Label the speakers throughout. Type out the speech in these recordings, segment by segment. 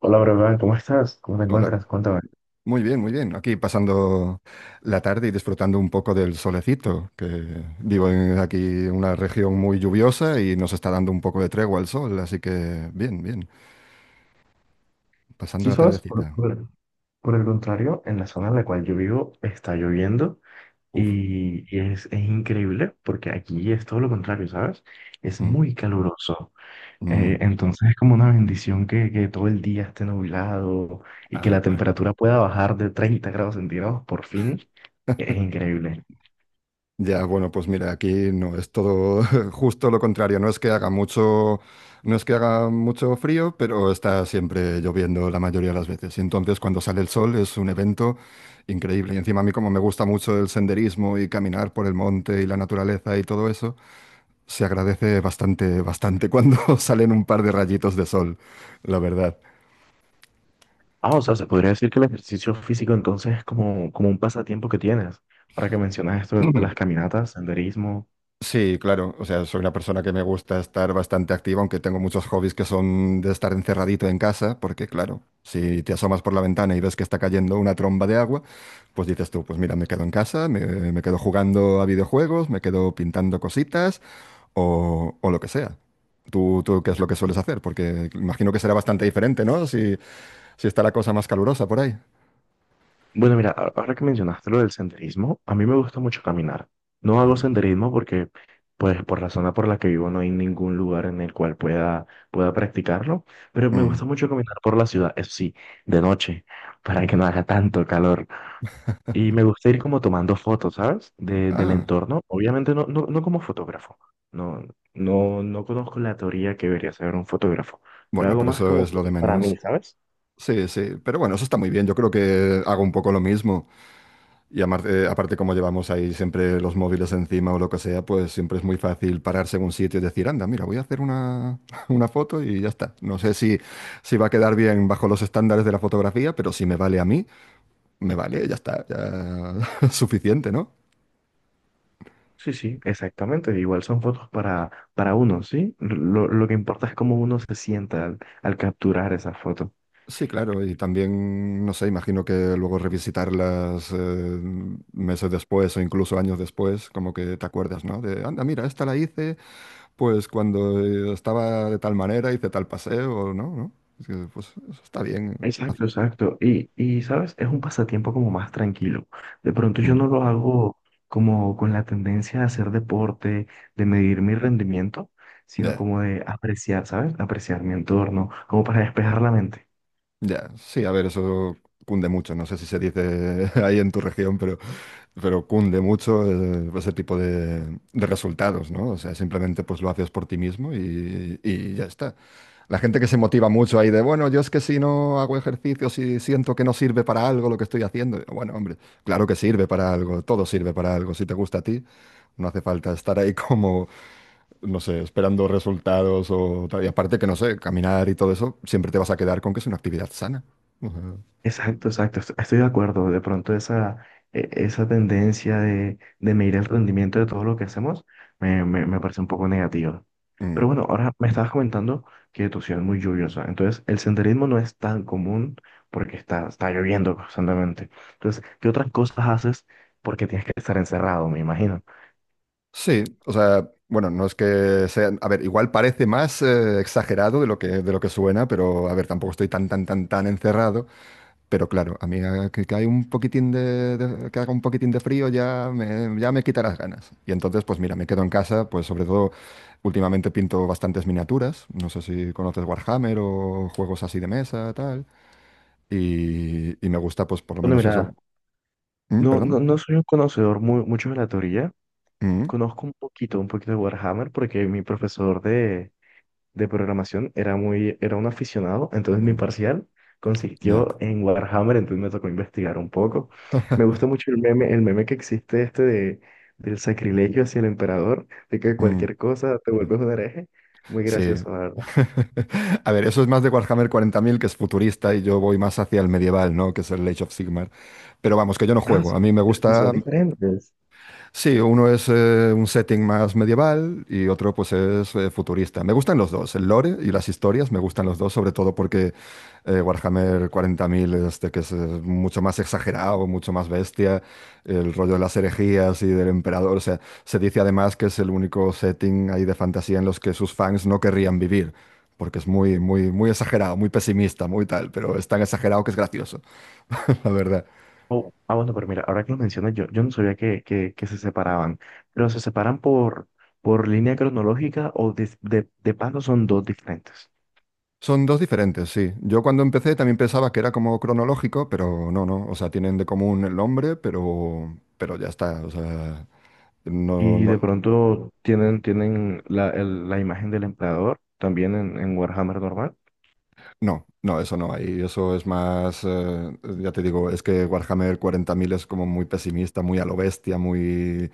Speaker 1: Hola, Brogan, ¿cómo estás? ¿Cómo te
Speaker 2: Hola.
Speaker 1: encuentras? Cuéntame.
Speaker 2: Muy bien, muy bien. Aquí pasando la tarde y disfrutando un poco del solecito, que vivo en aquí en una región muy lluviosa y nos está dando un poco de tregua el sol, así que bien, bien. Pasando
Speaker 1: Sí,
Speaker 2: la
Speaker 1: sabes,
Speaker 2: tardecita.
Speaker 1: por el contrario, en la zona en la cual yo vivo está lloviendo
Speaker 2: Uf.
Speaker 1: y, es increíble porque aquí es todo lo contrario, ¿sabes? Es
Speaker 2: Mm,
Speaker 1: muy caluroso.
Speaker 2: mm.
Speaker 1: Entonces es como una bendición que todo el día esté nublado y que
Speaker 2: Ah,
Speaker 1: la
Speaker 2: claro.
Speaker 1: temperatura pueda bajar de 30 °C por fin. Es increíble.
Speaker 2: Ya, bueno, pues mira, aquí no es todo justo lo contrario. No es que haga mucho, No es que haga mucho frío, pero está siempre lloviendo la mayoría de las veces. Y entonces cuando sale el sol es un evento increíble. Y encima a mí como me gusta mucho el senderismo y caminar por el monte y la naturaleza y todo eso, se agradece bastante, bastante cuando salen un par de rayitos de sol, la verdad.
Speaker 1: Ah, o sea, se podría decir que el ejercicio físico entonces es como, como un pasatiempo que tienes. Ahora que mencionas esto de las caminatas, senderismo.
Speaker 2: Sí, claro. O sea, soy una persona que me gusta estar bastante activa, aunque tengo muchos hobbies que son de estar encerradito en casa, porque claro, si te asomas por la ventana y ves que está cayendo una tromba de agua, pues dices tú, pues mira, me quedo en casa, me quedo jugando a videojuegos, me quedo pintando cositas o lo que sea. ¿Tú qué es lo que sueles hacer? Porque imagino que será bastante diferente, ¿no? Si, si está la cosa más calurosa por ahí.
Speaker 1: Bueno, mira, ahora que mencionaste lo del senderismo, a mí me gusta mucho caminar. No hago
Speaker 2: Ujú.
Speaker 1: senderismo porque, pues, por la zona por la que vivo no hay ningún lugar en el cual pueda practicarlo, pero me
Speaker 2: Mm.
Speaker 1: gusta mucho caminar por la ciudad, eso sí, de noche, para que no haga tanto calor. Y me gusta ir como tomando fotos, ¿sabes? De, del
Speaker 2: Ah,
Speaker 1: entorno. Obviamente no como fotógrafo. No, no conozco la teoría que debería saber un fotógrafo. Lo
Speaker 2: bueno,
Speaker 1: hago
Speaker 2: pero
Speaker 1: más
Speaker 2: eso
Speaker 1: como
Speaker 2: es lo de
Speaker 1: fotos para mí,
Speaker 2: menos.
Speaker 1: ¿sabes?
Speaker 2: Sí, sí, pero bueno, eso está muy bien. Yo creo que hago un poco lo mismo. Y aparte, como llevamos ahí siempre los móviles encima o lo que sea, pues siempre es muy fácil pararse en un sitio y decir, anda, mira, voy a hacer una, una foto y ya está. No sé si va a quedar bien bajo los estándares de la fotografía, pero si me vale a mí, me vale, ya está, ya es suficiente, ¿no?
Speaker 1: Sí, sí, exactamente. Igual son fotos para uno, ¿sí? Lo que importa es cómo uno se sienta al, al capturar esa foto.
Speaker 2: Sí, claro, y también, no sé, imagino que luego revisitarlas meses después o incluso años después, como que te acuerdas, ¿no? De, anda, mira, esta la hice. Pues cuando estaba de tal manera hice tal paseo, ¿no? ¿No? Es que, pues eso está bien. Ah,
Speaker 1: Exacto, exacto. Y, ¿sabes? Es un pasatiempo como más tranquilo. De pronto yo
Speaker 2: mm.
Speaker 1: no lo hago como con la tendencia a hacer deporte, de medir mi rendimiento, sino
Speaker 2: Ya,
Speaker 1: como de apreciar, ¿sabes? Apreciar mi entorno, como para despejar la mente.
Speaker 2: ya, sí, a ver, eso cunde mucho. No sé si se dice ahí en tu región, pero, cunde mucho ese tipo de resultados, ¿no? O sea, simplemente pues lo haces por ti mismo y ya está. La gente que se motiva mucho ahí de, bueno, yo es que si no hago ejercicio, si siento que no sirve para algo lo que estoy haciendo. Bueno, hombre, claro que sirve para algo, todo sirve para algo. Si te gusta a ti, no hace falta estar ahí como, no sé, esperando resultados o tal. Y aparte que, no sé, caminar y todo eso, siempre te vas a quedar con que es una actividad sana. O sea,
Speaker 1: Exacto, exacto. Estoy de acuerdo. De pronto esa, esa tendencia de medir el rendimiento de todo lo que hacemos me parece un poco negativa. Pero
Speaker 2: mm.
Speaker 1: bueno, ahora me estabas comentando que tu ciudad es muy lluviosa. Entonces, el senderismo no es tan común porque está lloviendo constantemente. Entonces, ¿qué otras cosas haces? Porque tienes que estar encerrado, me imagino.
Speaker 2: Sí, o sea, bueno, no es que sea, a ver, igual parece más exagerado de lo que, suena, pero a ver, tampoco estoy tan, tan, tan, tan encerrado. Pero claro, a mí que hay un poquitín que haga un poquitín de frío ya me quita las ganas. Y entonces, pues mira, me quedo en casa, pues sobre todo últimamente pinto bastantes miniaturas. No sé si conoces Warhammer o juegos así de mesa, tal. Y me gusta, pues, por lo
Speaker 1: Bueno,
Speaker 2: menos eso.
Speaker 1: mira,
Speaker 2: Mm, ¿perdón?
Speaker 1: no soy un conocedor mucho de la teoría.
Speaker 2: Mm,
Speaker 1: Conozco un poquito de Warhammer porque mi profesor de programación era muy, era un aficionado, entonces mi
Speaker 2: mm,
Speaker 1: parcial
Speaker 2: ya.
Speaker 1: consistió en Warhammer, entonces me tocó investigar un poco. Me gusta mucho el meme que existe este de, del sacrilegio hacia el emperador, de que
Speaker 2: Mm,
Speaker 1: cualquier cosa te
Speaker 2: mm.
Speaker 1: vuelves un hereje. Muy
Speaker 2: Sí.
Speaker 1: gracioso, la verdad.
Speaker 2: A ver, eso es más de Warhammer 40.000, que es futurista, y yo voy más hacia el medieval, ¿no? Que es el Age of Sigmar. Pero vamos, que yo no
Speaker 1: Ah,
Speaker 2: juego.
Speaker 1: s-
Speaker 2: A mí me
Speaker 1: es que son
Speaker 2: gusta.
Speaker 1: diferentes.
Speaker 2: Sí, uno es un setting más medieval y otro pues es futurista. Me gustan los dos, el lore y las historias, me gustan los dos, sobre todo porque Warhammer 40.000, este, que es mucho más exagerado, mucho más bestia, el rollo de las herejías y del emperador, o sea, se dice además que es el único setting ahí de fantasía en los que sus fans no querrían vivir, porque es muy, muy, muy exagerado, muy pesimista, muy tal, pero es tan exagerado que es gracioso, la verdad.
Speaker 1: Oh, ah, bueno, pero mira, ahora que lo mencionas, yo no sabía que, que se separaban, pero se separan por línea cronológica o de, de paso son dos diferentes.
Speaker 2: Son dos diferentes, sí. Yo cuando empecé también pensaba que era como cronológico, pero no, no. O sea, tienen de común el nombre, pero, ya está. O sea, no,
Speaker 1: Y de
Speaker 2: no,
Speaker 1: pronto tienen, tienen la, la imagen del empleador también en Warhammer normal.
Speaker 2: no, no, eso no hay. Eso es más, ya te digo, es que Warhammer 40.000 es como muy pesimista, muy a lo bestia, muy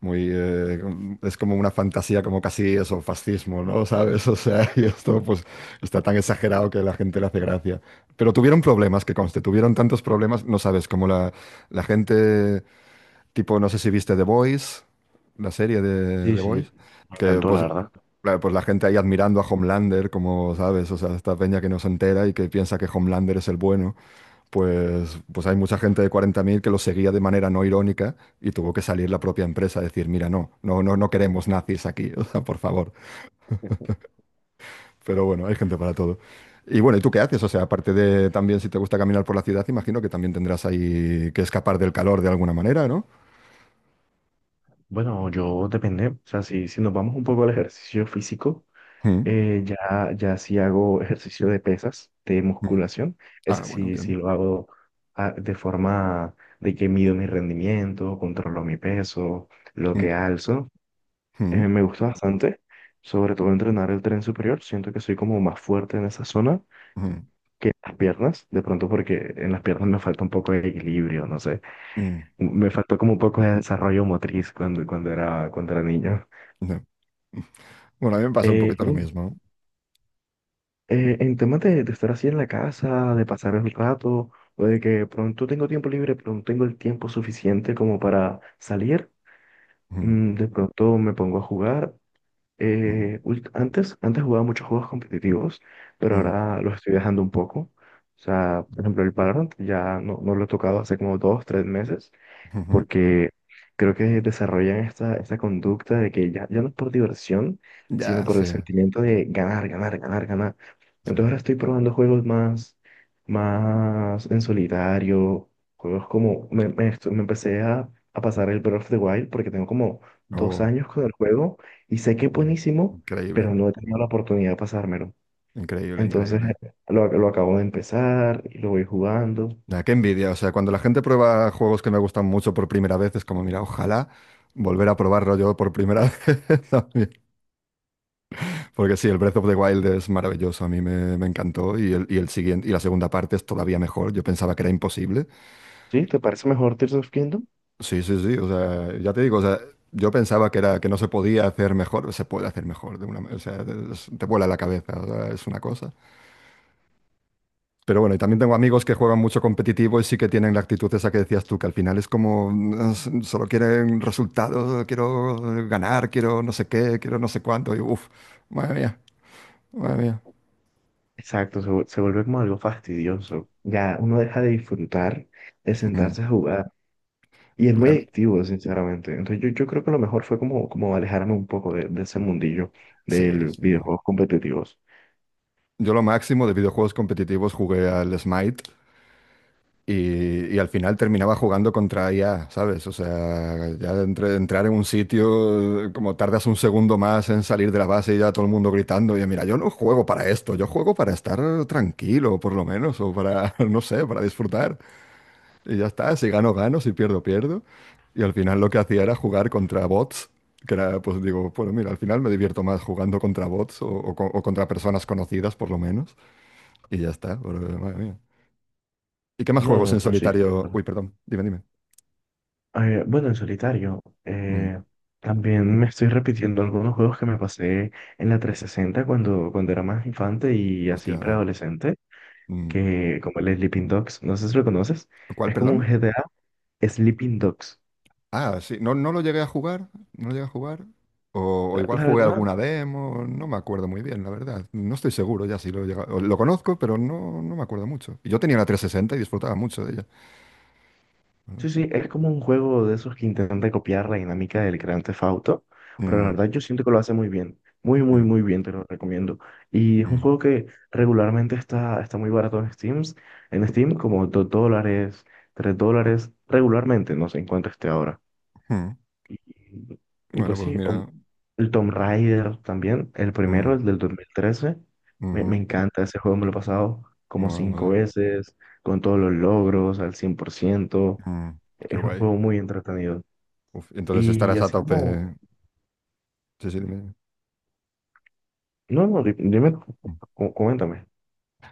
Speaker 2: muy, es como una fantasía, como casi eso, fascismo, ¿no? ¿Sabes? O sea, y esto pues está tan exagerado que la gente le hace gracia. Pero tuvieron problemas, que conste, tuvieron tantos problemas, no sabes, como la gente, tipo, no sé si viste The Boys, la serie de
Speaker 1: Sí,
Speaker 2: The
Speaker 1: sí, sí,
Speaker 2: Boys,
Speaker 1: me
Speaker 2: que
Speaker 1: encantó, la
Speaker 2: pues,
Speaker 1: verdad.
Speaker 2: pues la gente ahí admirando a Homelander, como, ¿sabes? O sea, esta peña que no se entera y que piensa que Homelander es el bueno pues, pues hay mucha gente de 40.000 que lo seguía de manera no irónica y tuvo que salir la propia empresa a decir, mira, no, no, no, no queremos nazis aquí, o sea, por favor. Pero bueno, hay gente para todo. Y bueno, ¿y tú qué haces? O sea, aparte de también si te gusta caminar por la ciudad, imagino que también tendrás ahí que escapar del calor de alguna manera, ¿no?
Speaker 1: Bueno, yo depende, o sea, si, si nos vamos un poco al ejercicio físico,
Speaker 2: Mm,
Speaker 1: ya sí hago ejercicio de pesas, de
Speaker 2: mm.
Speaker 1: musculación, ese
Speaker 2: Ah, bueno,
Speaker 1: sí, sí
Speaker 2: bien.
Speaker 1: lo hago ah, de forma de que mido mi rendimiento, controlo mi peso, lo que
Speaker 2: Mm,
Speaker 1: alzo.
Speaker 2: mm,
Speaker 1: Me gusta bastante, sobre todo entrenar el tren superior, siento que soy como más fuerte en esa zona
Speaker 2: mm,
Speaker 1: que las piernas, de pronto porque en las piernas me falta un poco de equilibrio, no sé,
Speaker 2: mm,
Speaker 1: me faltó como un poco de desarrollo motriz cuando, cuando era niño.
Speaker 2: no. Bueno, a mí me pasa un
Speaker 1: Eh, y
Speaker 2: poquito lo
Speaker 1: bueno,
Speaker 2: mismo.
Speaker 1: eh, en temas de estar así en la casa, de pasar el rato, o de que pronto tengo tiempo libre, pero no tengo el tiempo suficiente como para salir,
Speaker 2: Mm,
Speaker 1: de pronto me pongo a jugar.
Speaker 2: mm,
Speaker 1: Antes jugaba muchos juegos competitivos, pero
Speaker 2: mm,
Speaker 1: ahora los estoy dejando un poco. O sea, por ejemplo, el Valorant ya no lo he tocado hace como 2, 3 meses.
Speaker 2: ujú.
Speaker 1: Porque creo que desarrollan esta, esta conducta de que ya, ya no es por diversión, sino
Speaker 2: Ya,
Speaker 1: por el
Speaker 2: sí,
Speaker 1: sentimiento de ganar, ganar, ganar, ganar.
Speaker 2: sí.
Speaker 1: Entonces ahora estoy probando más en solitario, juegos como, me empecé a pasar el Breath of the Wild porque tengo como dos
Speaker 2: Oh,
Speaker 1: años con el juego y sé que es
Speaker 2: mm,
Speaker 1: buenísimo,
Speaker 2: increíble.
Speaker 1: pero no he tenido la oportunidad de pasármelo.
Speaker 2: Increíble,
Speaker 1: Entonces
Speaker 2: increíble.
Speaker 1: eh, lo, lo acabo de empezar y lo voy jugando.
Speaker 2: Ya, qué envidia. O sea, cuando la gente prueba juegos que me gustan mucho por primera vez, es como, mira, ojalá volver a probarlo yo por primera vez también. Porque sí, el Breath of the Wild es maravilloso. A mí me encantó. Y el siguiente, y la segunda parte es todavía mejor. Yo pensaba que era imposible.
Speaker 1: ¿Sí? ¿Te parece mejor Tears of Kingdom?
Speaker 2: Sí, sí, sí. O sea, ya te digo, o sea, yo pensaba que era, que no se podía hacer mejor. Se puede hacer mejor de una, o sea, te vuela la cabeza. O sea, es una cosa. Pero bueno, y también tengo amigos que juegan mucho competitivo y sí que tienen la actitud esa que decías tú, que al final es como: "Ah, solo quieren resultados, quiero ganar, quiero no sé qué, quiero no sé cuánto", y uff, madre mía, madre mía.
Speaker 1: Exacto, se vuelve como algo fastidioso. Ya uno deja de disfrutar, de
Speaker 2: Mm,
Speaker 1: sentarse a jugar. Y es muy
Speaker 2: claro,
Speaker 1: adictivo, sinceramente. Entonces yo creo que lo mejor fue como, como alejarme un poco de ese mundillo
Speaker 2: sí,
Speaker 1: de los
Speaker 2: sí.
Speaker 1: videojuegos competitivos.
Speaker 2: Yo lo máximo de videojuegos competitivos jugué al Smite. Y al final terminaba jugando contra IA, ¿sabes? O sea, ya de entrar en un sitio, como tardas un segundo más en salir de la base y ya todo el mundo gritando, y mira, yo no juego para esto, yo juego para estar tranquilo, por lo menos, o para, no sé, para disfrutar. Y ya está, si gano, gano, si pierdo, pierdo. Y al final lo que hacía era jugar contra bots, que era, pues digo, bueno, mira, al final me divierto más jugando contra bots o contra personas conocidas, por lo menos. Y ya está, pero, madre mía. ¿Y qué más
Speaker 1: No,
Speaker 2: juegos en
Speaker 1: no, no, sí.
Speaker 2: solitario? Uy, perdón, dime, dime.
Speaker 1: Bueno, en solitario,
Speaker 2: Mm,
Speaker 1: también me estoy repitiendo algunos juegos que me pasé en la 360 cuando, cuando era más infante y así
Speaker 2: hostia.
Speaker 1: preadolescente,
Speaker 2: Mm,
Speaker 1: que como el Sleeping Dogs, no sé si lo conoces,
Speaker 2: ¿cuál,
Speaker 1: es como un
Speaker 2: perdón?
Speaker 1: GTA Sleeping Dogs.
Speaker 2: Ah, sí, no, no lo llegué a jugar, no lo llegué a jugar. O
Speaker 1: La,
Speaker 2: igual
Speaker 1: la
Speaker 2: jugué
Speaker 1: verdad,
Speaker 2: alguna demo, no me acuerdo muy bien, la verdad. No estoy seguro ya si lo he o lo conozco, pero no, no me acuerdo mucho. Y yo tenía la 360 y disfrutaba mucho de ella, ¿verdad?
Speaker 1: sí, sí, es como un juego de esos que intenta copiar la dinámica del Grand Theft Auto, pero la
Speaker 2: Mm,
Speaker 1: verdad yo siento que lo hace muy bien, muy, muy,
Speaker 2: mm,
Speaker 1: muy bien, te lo recomiendo. Y es un
Speaker 2: mm,
Speaker 1: juego que regularmente está muy barato en Steam como 2 dólares, 3 dólares, regularmente, no sé en cuánto esté ahora.
Speaker 2: mm.
Speaker 1: Y, y
Speaker 2: Bueno,
Speaker 1: pues
Speaker 2: pues
Speaker 1: sí, o-
Speaker 2: mira.
Speaker 1: el Tomb Raider también, el primero,
Speaker 2: Mm,
Speaker 1: el del 2013 me, me
Speaker 2: ujú,
Speaker 1: encanta ese juego, me lo he pasado como
Speaker 2: mola,
Speaker 1: cinco
Speaker 2: mola.
Speaker 1: veces, con todos los logros al 100%,
Speaker 2: Mm, qué
Speaker 1: es un
Speaker 2: guay.
Speaker 1: juego muy entretenido.
Speaker 2: Uf, entonces
Speaker 1: Y
Speaker 2: estarás a
Speaker 1: así como...
Speaker 2: tope. Sí, sí, dime.
Speaker 1: No, no, di- dime,
Speaker 2: Mm.
Speaker 1: coméntame.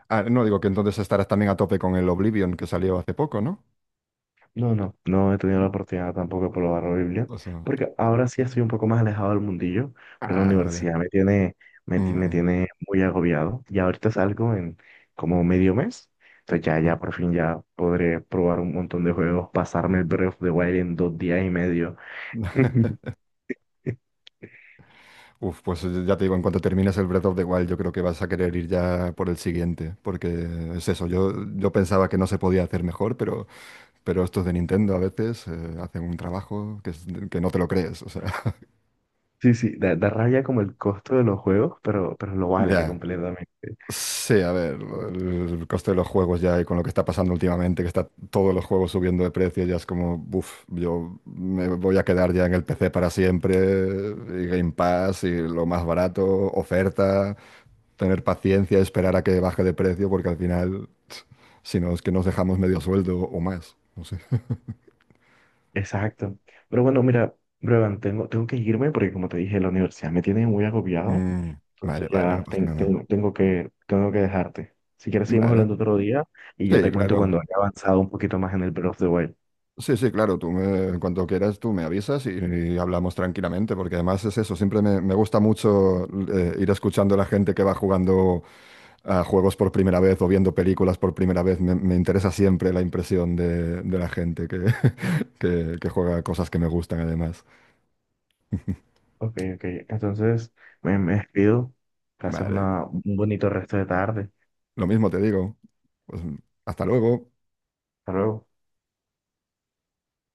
Speaker 2: Ah, no, digo que entonces estarás también a tope con el Oblivion que salió hace poco, ¿no?
Speaker 1: No, no, no he tenido la
Speaker 2: ¿No?
Speaker 1: oportunidad tampoco de probar la Biblia,
Speaker 2: O sea,
Speaker 1: porque ahora sí estoy un poco más alejado del mundillo, porque la
Speaker 2: ah, vale.
Speaker 1: universidad me tiene, me
Speaker 2: Mm,
Speaker 1: tiene muy agobiado. Y ahorita salgo en como medio mes, entonces ya,
Speaker 2: mm,
Speaker 1: ya por fin ya podré probar un montón de juegos, pasarme el
Speaker 2: mm.
Speaker 1: Breath of the Wild en 2 días y medio.
Speaker 2: Uf, pues ya te digo, en cuanto termines el Breath of the Wild, yo creo que vas a querer ir ya por el siguiente, porque es eso, yo pensaba que no se podía hacer mejor, pero, estos de Nintendo a veces hacen un trabajo que, que no te lo crees, o sea.
Speaker 1: Sí, sí, da, da rabia como el costo de los juegos, pero lo vale
Speaker 2: Ya.
Speaker 1: completamente.
Speaker 2: Sí, a ver, el coste de los juegos ya y con lo que está pasando últimamente, que está todos los juegos subiendo de precio, ya es como, buf, yo me voy a quedar ya en el PC para siempre, y Game Pass, y lo más barato, oferta, tener paciencia, esperar a que baje de precio, porque al final, si no, es que nos dejamos medio sueldo o más, no sé.
Speaker 1: Exacto. Pero bueno, mira, Brevan, tengo, tengo que irme porque como te dije, la universidad me tiene muy agobiado.
Speaker 2: Mm, vale,
Speaker 1: Entonces
Speaker 2: vale, no
Speaker 1: ya
Speaker 2: pasa nada.
Speaker 1: tengo que dejarte. Si quieres, seguimos
Speaker 2: Vale,
Speaker 1: hablando otro día y ya
Speaker 2: sí,
Speaker 1: te cuento
Speaker 2: claro.
Speaker 1: cuando haya avanzado un poquito más en el Breath of the Wild.
Speaker 2: Sí, sí, claro, en cuanto quieras tú me avisas y hablamos tranquilamente, porque además es eso, siempre me gusta mucho ir escuchando a la gente que va jugando a juegos por primera vez o viendo películas por primera vez, me interesa siempre la impresión de la gente que, que juega a cosas que me gustan además.
Speaker 1: Ok, ok. Entonces, me despido. Gracias,
Speaker 2: Vale,
Speaker 1: un bonito resto de tarde.
Speaker 2: lo mismo te digo, pues hasta luego.
Speaker 1: Hasta luego.